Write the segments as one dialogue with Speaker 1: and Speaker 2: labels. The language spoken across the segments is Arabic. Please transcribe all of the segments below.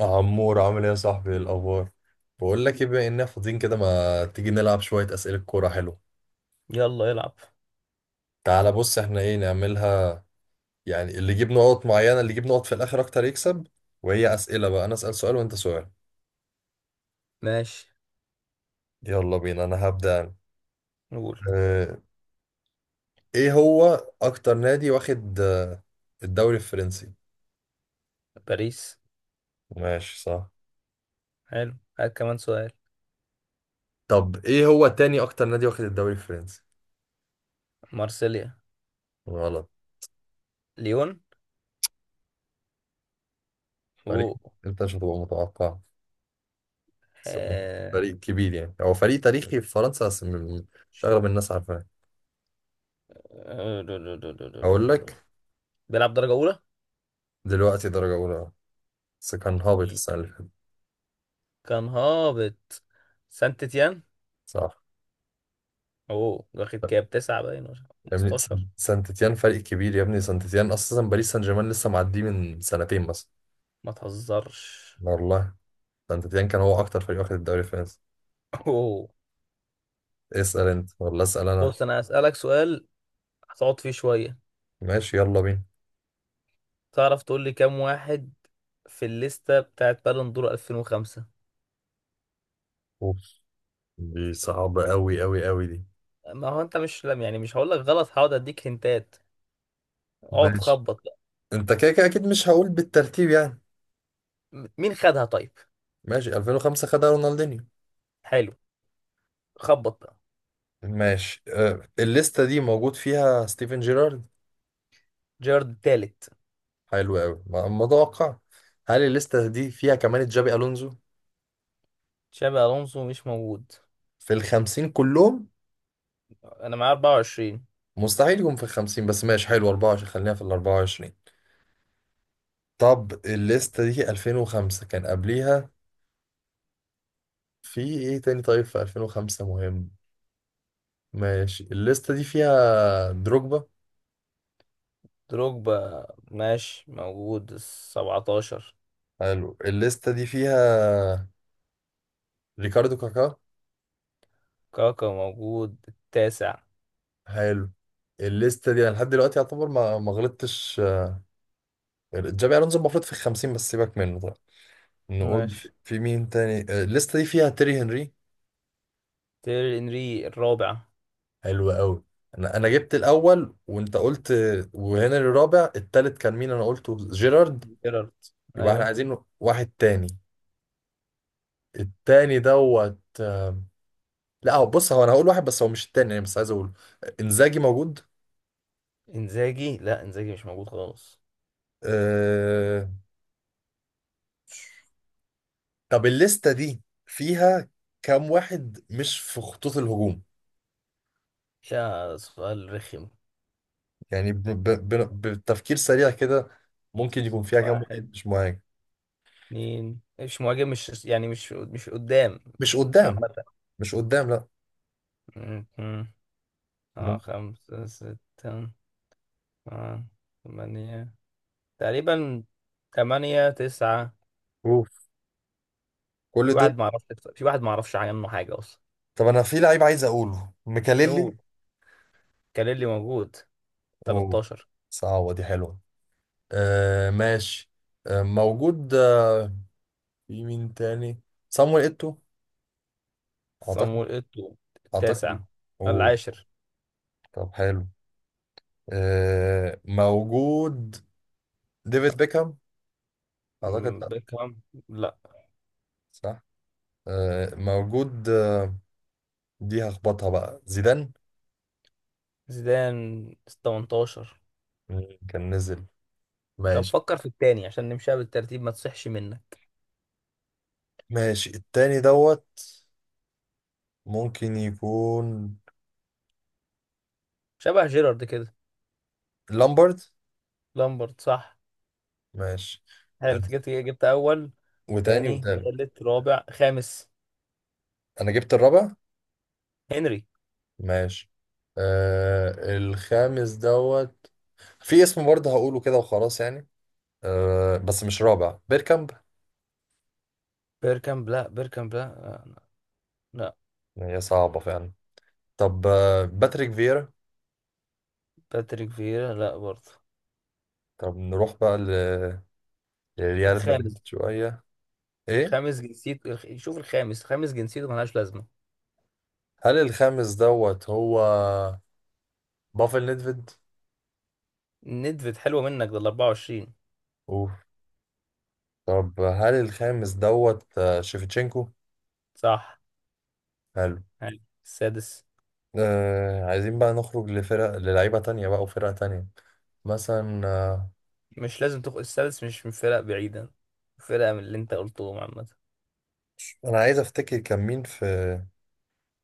Speaker 1: عمور، عامل ايه يا صاحبي؟ إيه الاخبار؟ بقول لك ايه، بما اننا فاضيين كده ما تيجي نلعب شويه اسئله كوره؟ حلو.
Speaker 2: يلا يلعب.
Speaker 1: تعالى بص، احنا ايه نعملها؟ يعني اللي يجيب نقط معينه، اللي يجيب نقط في الاخر اكتر يكسب. وهي اسئله بقى، انا اسال سؤال وانت سؤال.
Speaker 2: ماشي.
Speaker 1: يلا بينا، انا هبدا أنا.
Speaker 2: نقول.
Speaker 1: اه. ايه هو اكتر نادي واخد الدوري الفرنسي؟
Speaker 2: باريس.
Speaker 1: ماشي، صح.
Speaker 2: حلو، هات كمان سؤال.
Speaker 1: طب ايه هو تاني اكتر نادي واخد الدوري الفرنسي؟
Speaker 2: مارسيليا.
Speaker 1: غلط.
Speaker 2: ليون
Speaker 1: فريق،
Speaker 2: و
Speaker 1: انت مش هتبقى متوقع، بس هو
Speaker 2: آه،
Speaker 1: فريق كبير يعني، هو فريق تاريخي في فرنسا بس مش أغلب الناس عارفاه. أقول لك،
Speaker 2: بيلعب درجة أولى.
Speaker 1: دلوقتي درجة أولى بس كان هابط
Speaker 2: مم.
Speaker 1: السنة اللي فاتت.
Speaker 2: كان هابط. سانت تيان.
Speaker 1: صح.
Speaker 2: أوه، واخد كام؟ تسعة باين ولا
Speaker 1: يا ابني
Speaker 2: 15؟
Speaker 1: سان تيتيان فريق كبير، يا ابني سان تيتيان أساسا باريس سان جيرمان لسه معديه من سنتين مثلا.
Speaker 2: ما تهزرش.
Speaker 1: والله سان تيتيان كان هو أكتر فريق واخد الدوري الفرنسي.
Speaker 2: أوه.
Speaker 1: اسأل أنت ولا أسأل أنا؟
Speaker 2: بص، أنا هسألك سؤال هتقعد فيه شوية.
Speaker 1: ماشي يلا بينا.
Speaker 2: تعرف تقول لي كام واحد في الليستة بتاعت بالون دور 2005؟
Speaker 1: أوف، دي صعبة أوي أوي أوي دي.
Speaker 2: ما هو أنت مش لم يعني مش هقول لك غلط، هقعد أديك هنتات. اقعد
Speaker 1: ماشي،
Speaker 2: خبط بقى.
Speaker 1: أنت كده كده أكيد مش هقول بالترتيب يعني.
Speaker 2: مين خدها طيب؟
Speaker 1: ماشي، 2005 خدها رونالدينيو.
Speaker 2: حلو، خبط بقى.
Speaker 1: ماشي، الليستة دي موجود فيها ستيفن جيرارد.
Speaker 2: جيرارد التالت.
Speaker 1: حلو قوي، متوقع. هل الليستة دي فيها كمان جابي ألونزو
Speaker 2: تشابي الونسو مش موجود.
Speaker 1: في 50 كلهم؟
Speaker 2: انا معايا 24.
Speaker 1: مستحيل يكون في 50، بس ماشي حلو، 24 خلينا في 24. طب الليستة دي 2005 كان قبليها في ايه تاني؟ طيب في 2005 مهم. ماشي، الليستة دي فيها دروجبا.
Speaker 2: دروجبا ماشي موجود ال 17.
Speaker 1: حلو، الليستة دي فيها ريكاردو كاكا.
Speaker 2: كاكا موجود التاسع.
Speaker 1: حلو. الليستة دي انا لحد دلوقتي يعتبر ما غلطتش. جابي الونزو المفروض في 50 بس سيبك منه. طيب، نقول في
Speaker 2: ماشي.
Speaker 1: في مين تاني؟ الليسته دي فيها تيري هنري.
Speaker 2: تيري انري الرابع.
Speaker 1: حلو قوي. انا جبت الاول وانت قلت وهنري الرابع، التالت كان مين؟ انا قلته جيرارد.
Speaker 2: جيرارد،
Speaker 1: يبقى احنا
Speaker 2: ايوه.
Speaker 1: عايزين واحد تاني. التاني دوت لا هو بص، هو انا هقول واحد بس هو مش التاني يعني، بس عايز اقوله. انزاجي موجود؟
Speaker 2: انزاجي، لا، انزاجي مش موجود خالص.
Speaker 1: أه... طب الليسته دي فيها كام واحد مش في خطوط الهجوم؟
Speaker 2: يا سؤال رخم!
Speaker 1: يعني بالتفكير سريع كده، ممكن يكون فيها كام
Speaker 2: واحد،
Speaker 1: واحد مش معاك؟
Speaker 2: اتنين مش مهاجم، مش يعني مش قدام
Speaker 1: مش قدام.
Speaker 2: عامة.
Speaker 1: مش قدام، لا.
Speaker 2: م- م. اه،
Speaker 1: ممكن.
Speaker 2: خمسة، ستة، اه، ثمانية تقريبا، ثمانية تسعة.
Speaker 1: اوف،
Speaker 2: في
Speaker 1: كل دول.
Speaker 2: واحد ما اعرفش، في واحد ما اعرفش عنه حاجة اصلا.
Speaker 1: طب انا في لعيب عايز اقوله، ميكاليلي.
Speaker 2: قول. كاليلي موجود
Speaker 1: اوه،
Speaker 2: 13.
Speaker 1: صعبة دي، حلوة. آه ماشي. آه موجود. في مين تاني؟ صامويل ايتو، اعتقد.
Speaker 2: صامويل ايتو التاسع.
Speaker 1: اعتقد. اوه.
Speaker 2: العاشر.
Speaker 1: طب حلو، آه موجود. ديفيد بيكهام، اعتقد
Speaker 2: مم،
Speaker 1: لا.
Speaker 2: بيكهام لا.
Speaker 1: صح. آه موجود. دي هخبطها بقى، زيدان.
Speaker 2: زيدان 18.
Speaker 1: كان نزل.
Speaker 2: طب
Speaker 1: ماشي.
Speaker 2: فكر في التاني عشان نمشيها بالترتيب ما تصحش منك.
Speaker 1: ماشي، التاني دوت ممكن يكون
Speaker 2: شبه جيرارد كده.
Speaker 1: لامبرد.
Speaker 2: لامبرد صح.
Speaker 1: ماشي،
Speaker 2: حلو،
Speaker 1: آه،
Speaker 2: أنت جبت اول.
Speaker 1: وتاني
Speaker 2: تاني،
Speaker 1: وتالت.
Speaker 2: تالت، رابع، خامس.
Speaker 1: انا جبت الرابع.
Speaker 2: هنري.
Speaker 1: ماشي. الخامس دوت في اسم برضه هقوله كده وخلاص يعني، آه بس مش رابع، بيركامب.
Speaker 2: بيركامب لا، بيركامب لا. لا. لا.
Speaker 1: هي صعبة فعلا. طب باتريك فيرا.
Speaker 2: باتريك فييرا لا برضه.
Speaker 1: طب نروح بقى لريال
Speaker 2: الخامس.
Speaker 1: مدريد شوية. ايه؟
Speaker 2: شوف الخامس، خامس جنسيته ملهاش لازمة.
Speaker 1: هل الخامس دوت هو بافل ندفيد؟
Speaker 2: ندفد حلوة منك، ده ال 24.
Speaker 1: اوف. طب هل الخامس دوت شيفتشينكو؟
Speaker 2: صح.
Speaker 1: حلو.
Speaker 2: يعني السادس.
Speaker 1: آه، عايزين بقى نخرج لفرق، للعيبة تانية بقى وفرق تانية. مثلا
Speaker 2: مش لازم تخ... السادس مش من فرق بعيدة، فرقة من اللي انت قلتهم عامة.
Speaker 1: أنا عايز أفتكر كان مين في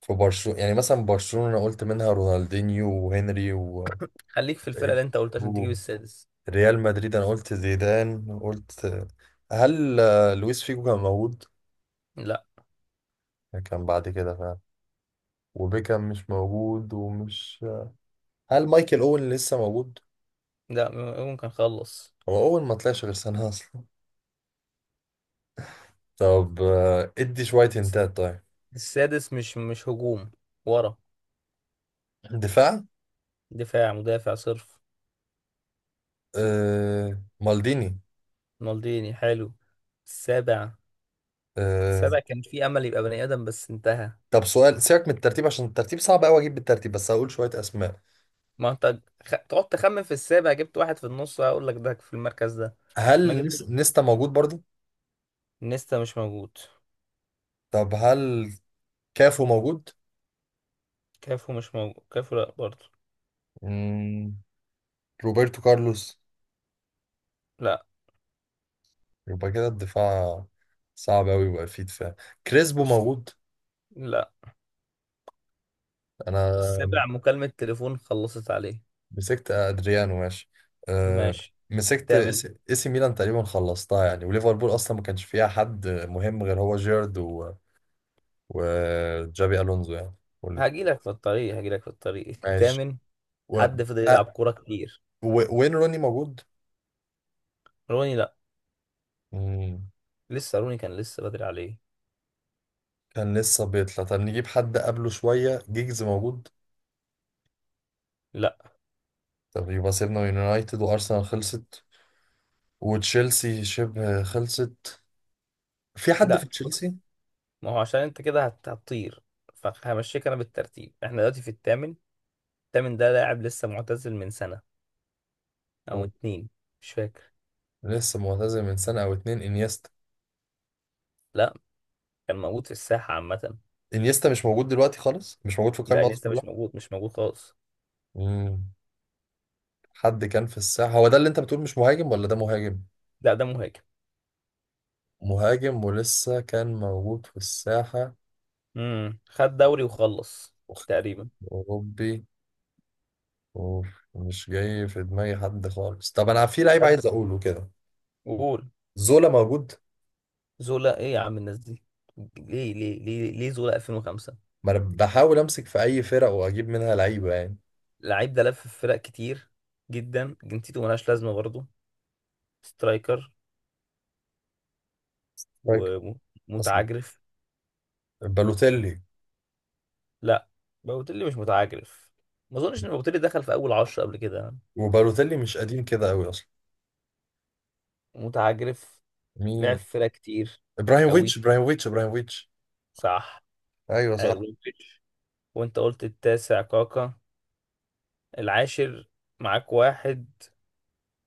Speaker 1: في برشلونة، يعني مثلا برشلونة أنا قلت منها رونالدينيو وهنري
Speaker 2: خليك في الفرقة اللي انت قلتها عشان تجيب
Speaker 1: و-
Speaker 2: السادس.
Speaker 1: ريال مدريد أنا قلت زيدان. قلت هل لويس فيجو كان موجود؟
Speaker 2: لا.
Speaker 1: كان بعد كده فعلا. وبيكام مش موجود، ومش. هل مايكل أوين لسه موجود؟
Speaker 2: ممكن خلص.
Speaker 1: هو أوين ما طلعش غير سنة أصلا. طب ادي شوية هنتات طيب.
Speaker 2: السادس مش هجوم، ورا.
Speaker 1: دفاع.
Speaker 2: دفاع، مدافع صرف.
Speaker 1: آه مالديني.
Speaker 2: مالديني، حلو. السابع.
Speaker 1: آه.
Speaker 2: السابع كان في امل يبقى بني ادم بس انتهى.
Speaker 1: طب سؤال، سيبك من الترتيب عشان الترتيب صعب قوي اجيب بالترتيب، بس هقول شوية اسماء.
Speaker 2: ما انت خ... تقعد تخمن في السابع، جبت واحد في النص هقول لك ده في المركز ده. ما
Speaker 1: هل
Speaker 2: جبتش.
Speaker 1: نيستا موجود برضه؟
Speaker 2: نيستا مش موجود.
Speaker 1: طب هل كافو موجود؟
Speaker 2: كافو مش موجود، كافو لا برضه.
Speaker 1: مم. روبرتو كارلوس.
Speaker 2: لا.
Speaker 1: يبقى كده الدفاع صعب قوي، يبقى فيه دفاع. كريسبو
Speaker 2: الس-
Speaker 1: موجود؟
Speaker 2: لا.
Speaker 1: انا
Speaker 2: السابع مكالمة تليفون خلصت عليه.
Speaker 1: مسكت ادريانو، ماشي. آه.
Speaker 2: ماشي.
Speaker 1: مسكت
Speaker 2: الثامن.
Speaker 1: اس إيه سي ميلان تقريبا خلصتها يعني، وليفربول اصلا ما كانش فيها حد مهم غير هو جيرد وجابي الونزو يعني، واللي
Speaker 2: هجيلك في الطريق
Speaker 1: ماشي
Speaker 2: الثامن.
Speaker 1: و...
Speaker 2: حد فضل يلعب
Speaker 1: أ...
Speaker 2: كورة كتير.
Speaker 1: وين روني موجود؟
Speaker 2: روني لا،
Speaker 1: مم.
Speaker 2: لسه روني كان لسه بدري عليه.
Speaker 1: كان لسه بيطلع. طب نجيب حد قبله شويه. جيجز موجود؟
Speaker 2: لا.
Speaker 1: طب يبقى سيبنا من يونايتد، وارسنال خلصت، وتشيلسي شبه خلصت. في حد في
Speaker 2: لا بص،
Speaker 1: تشيلسي
Speaker 2: ما هو عشان انت كده هتطير، فهمشيك انا بالترتيب. احنا دلوقتي في الثامن. تامن ده لاعب لسه معتزل من سنة أو اتنين، مش فاكر.
Speaker 1: لسه معتزل من سنه او اتنين؟ انيستا؟
Speaker 2: لا، كان موجود في الساحة عامة.
Speaker 1: انيستا مش موجود دلوقتي خالص، مش موجود في
Speaker 2: لا
Speaker 1: القائمه اصلا
Speaker 2: لسه
Speaker 1: كلها.
Speaker 2: مش موجود، مش موجود خالص.
Speaker 1: مم. حد كان في الساحه هو ده اللي انت بتقول مش مهاجم، ولا ده مهاجم؟
Speaker 2: لا ده مهاجم.
Speaker 1: مهاجم ولسه كان موجود في الساحه.
Speaker 2: امم، خد دوري وخلص تقريبا.
Speaker 1: أوروبي. أوف، مش جاي في دماغي حد خالص. طب أنا في لعيب
Speaker 2: خد
Speaker 1: عايز أقوله كده.
Speaker 2: وقول.
Speaker 1: زولا موجود؟
Speaker 2: زولا؟ ايه يا عم الناس دي؟ ليه ليه زولا 2005؟
Speaker 1: ما أنا بحاول أمسك في أي فرق وأجيب منها لعيبة يعني.
Speaker 2: اللعيب ده لف في فرق كتير جدا، جنسيته ملهاش لازمة برضه. سترايكر
Speaker 1: فاكر أصلا،
Speaker 2: ومتعجرف.
Speaker 1: بالوتيلي.
Speaker 2: لا، بوتيلي مش متعجرف، ما اظنش ان بوتيلي دخل في اول عشرة قبل كده.
Speaker 1: وبالوتيلي مش قديم كده أوي أصلا.
Speaker 2: متعجرف، لعب
Speaker 1: مين؟
Speaker 2: في فرق كتير. قوي،
Speaker 1: إبراهيموفيتش إبراهيموفيتش إبراهيموفيتش!
Speaker 2: صح.
Speaker 1: أيوه
Speaker 2: حلو،
Speaker 1: صح.
Speaker 2: مودريتش. وانت قلت التاسع كاكا. العاشر معاك واحد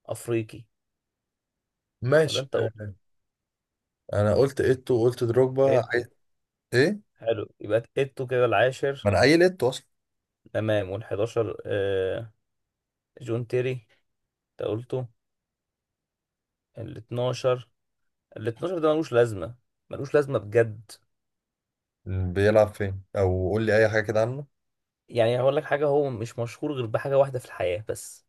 Speaker 2: افريقي. ولا
Speaker 1: ماشي،
Speaker 2: انت قلت؟
Speaker 1: أنا قلت إيتو وقلت دروجبا
Speaker 2: ايتو.
Speaker 1: إيه؟
Speaker 2: حلو، يبقى ايتو كده
Speaker 1: ما
Speaker 2: العاشر.
Speaker 1: أنا قايل إيتو أصلا.
Speaker 2: تمام. وال11، آه، جون تيري، انت قلته. ال12، ال12 ده ملوش لازمه، ملوش لازمه بجد.
Speaker 1: بيلعب فين؟ أو قول لي أي حاجة كده عنه.
Speaker 2: يعني هقول لك حاجه، هو مش مشهور غير بحاجه واحده في الحياه بس.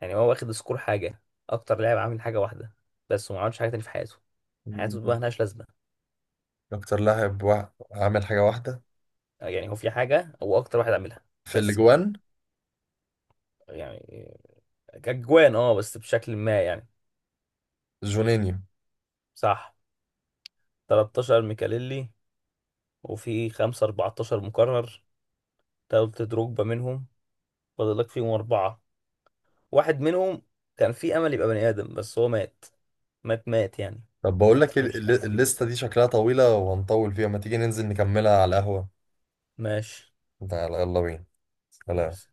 Speaker 2: يعني هو واخد سكور حاجه، اكتر لاعب عامل حاجه واحده بس، وما عملش حاجه تاني في حياته. حياته
Speaker 1: مم.
Speaker 2: بقى ملهاش لازمه.
Speaker 1: أكتر لاعب عامل حاجة واحدة.
Speaker 2: يعني هو في حاجة هو أكتر واحد عاملها
Speaker 1: في
Speaker 2: بس كده.
Speaker 1: الأجوان،
Speaker 2: يعني كجوان اه بس بشكل ما يعني.
Speaker 1: جونينيو.
Speaker 2: صح. 13 ميكاليلي. وفي 5 14 مكرر، تلت دروجبا منهم. فاضل لك فيهم أربعة. واحد منهم كان في أمل يبقى بني آدم بس هو مات، مات يعني.
Speaker 1: طب بقول
Speaker 2: ما
Speaker 1: لك،
Speaker 2: تفهمش الأحسن دي.
Speaker 1: الليسته دي شكلها طويله وهنطول فيها، ما تيجي ننزل نكملها على القهوه.
Speaker 2: ماشي.
Speaker 1: تعال يلا بينا. سلام.
Speaker 2: ماشي.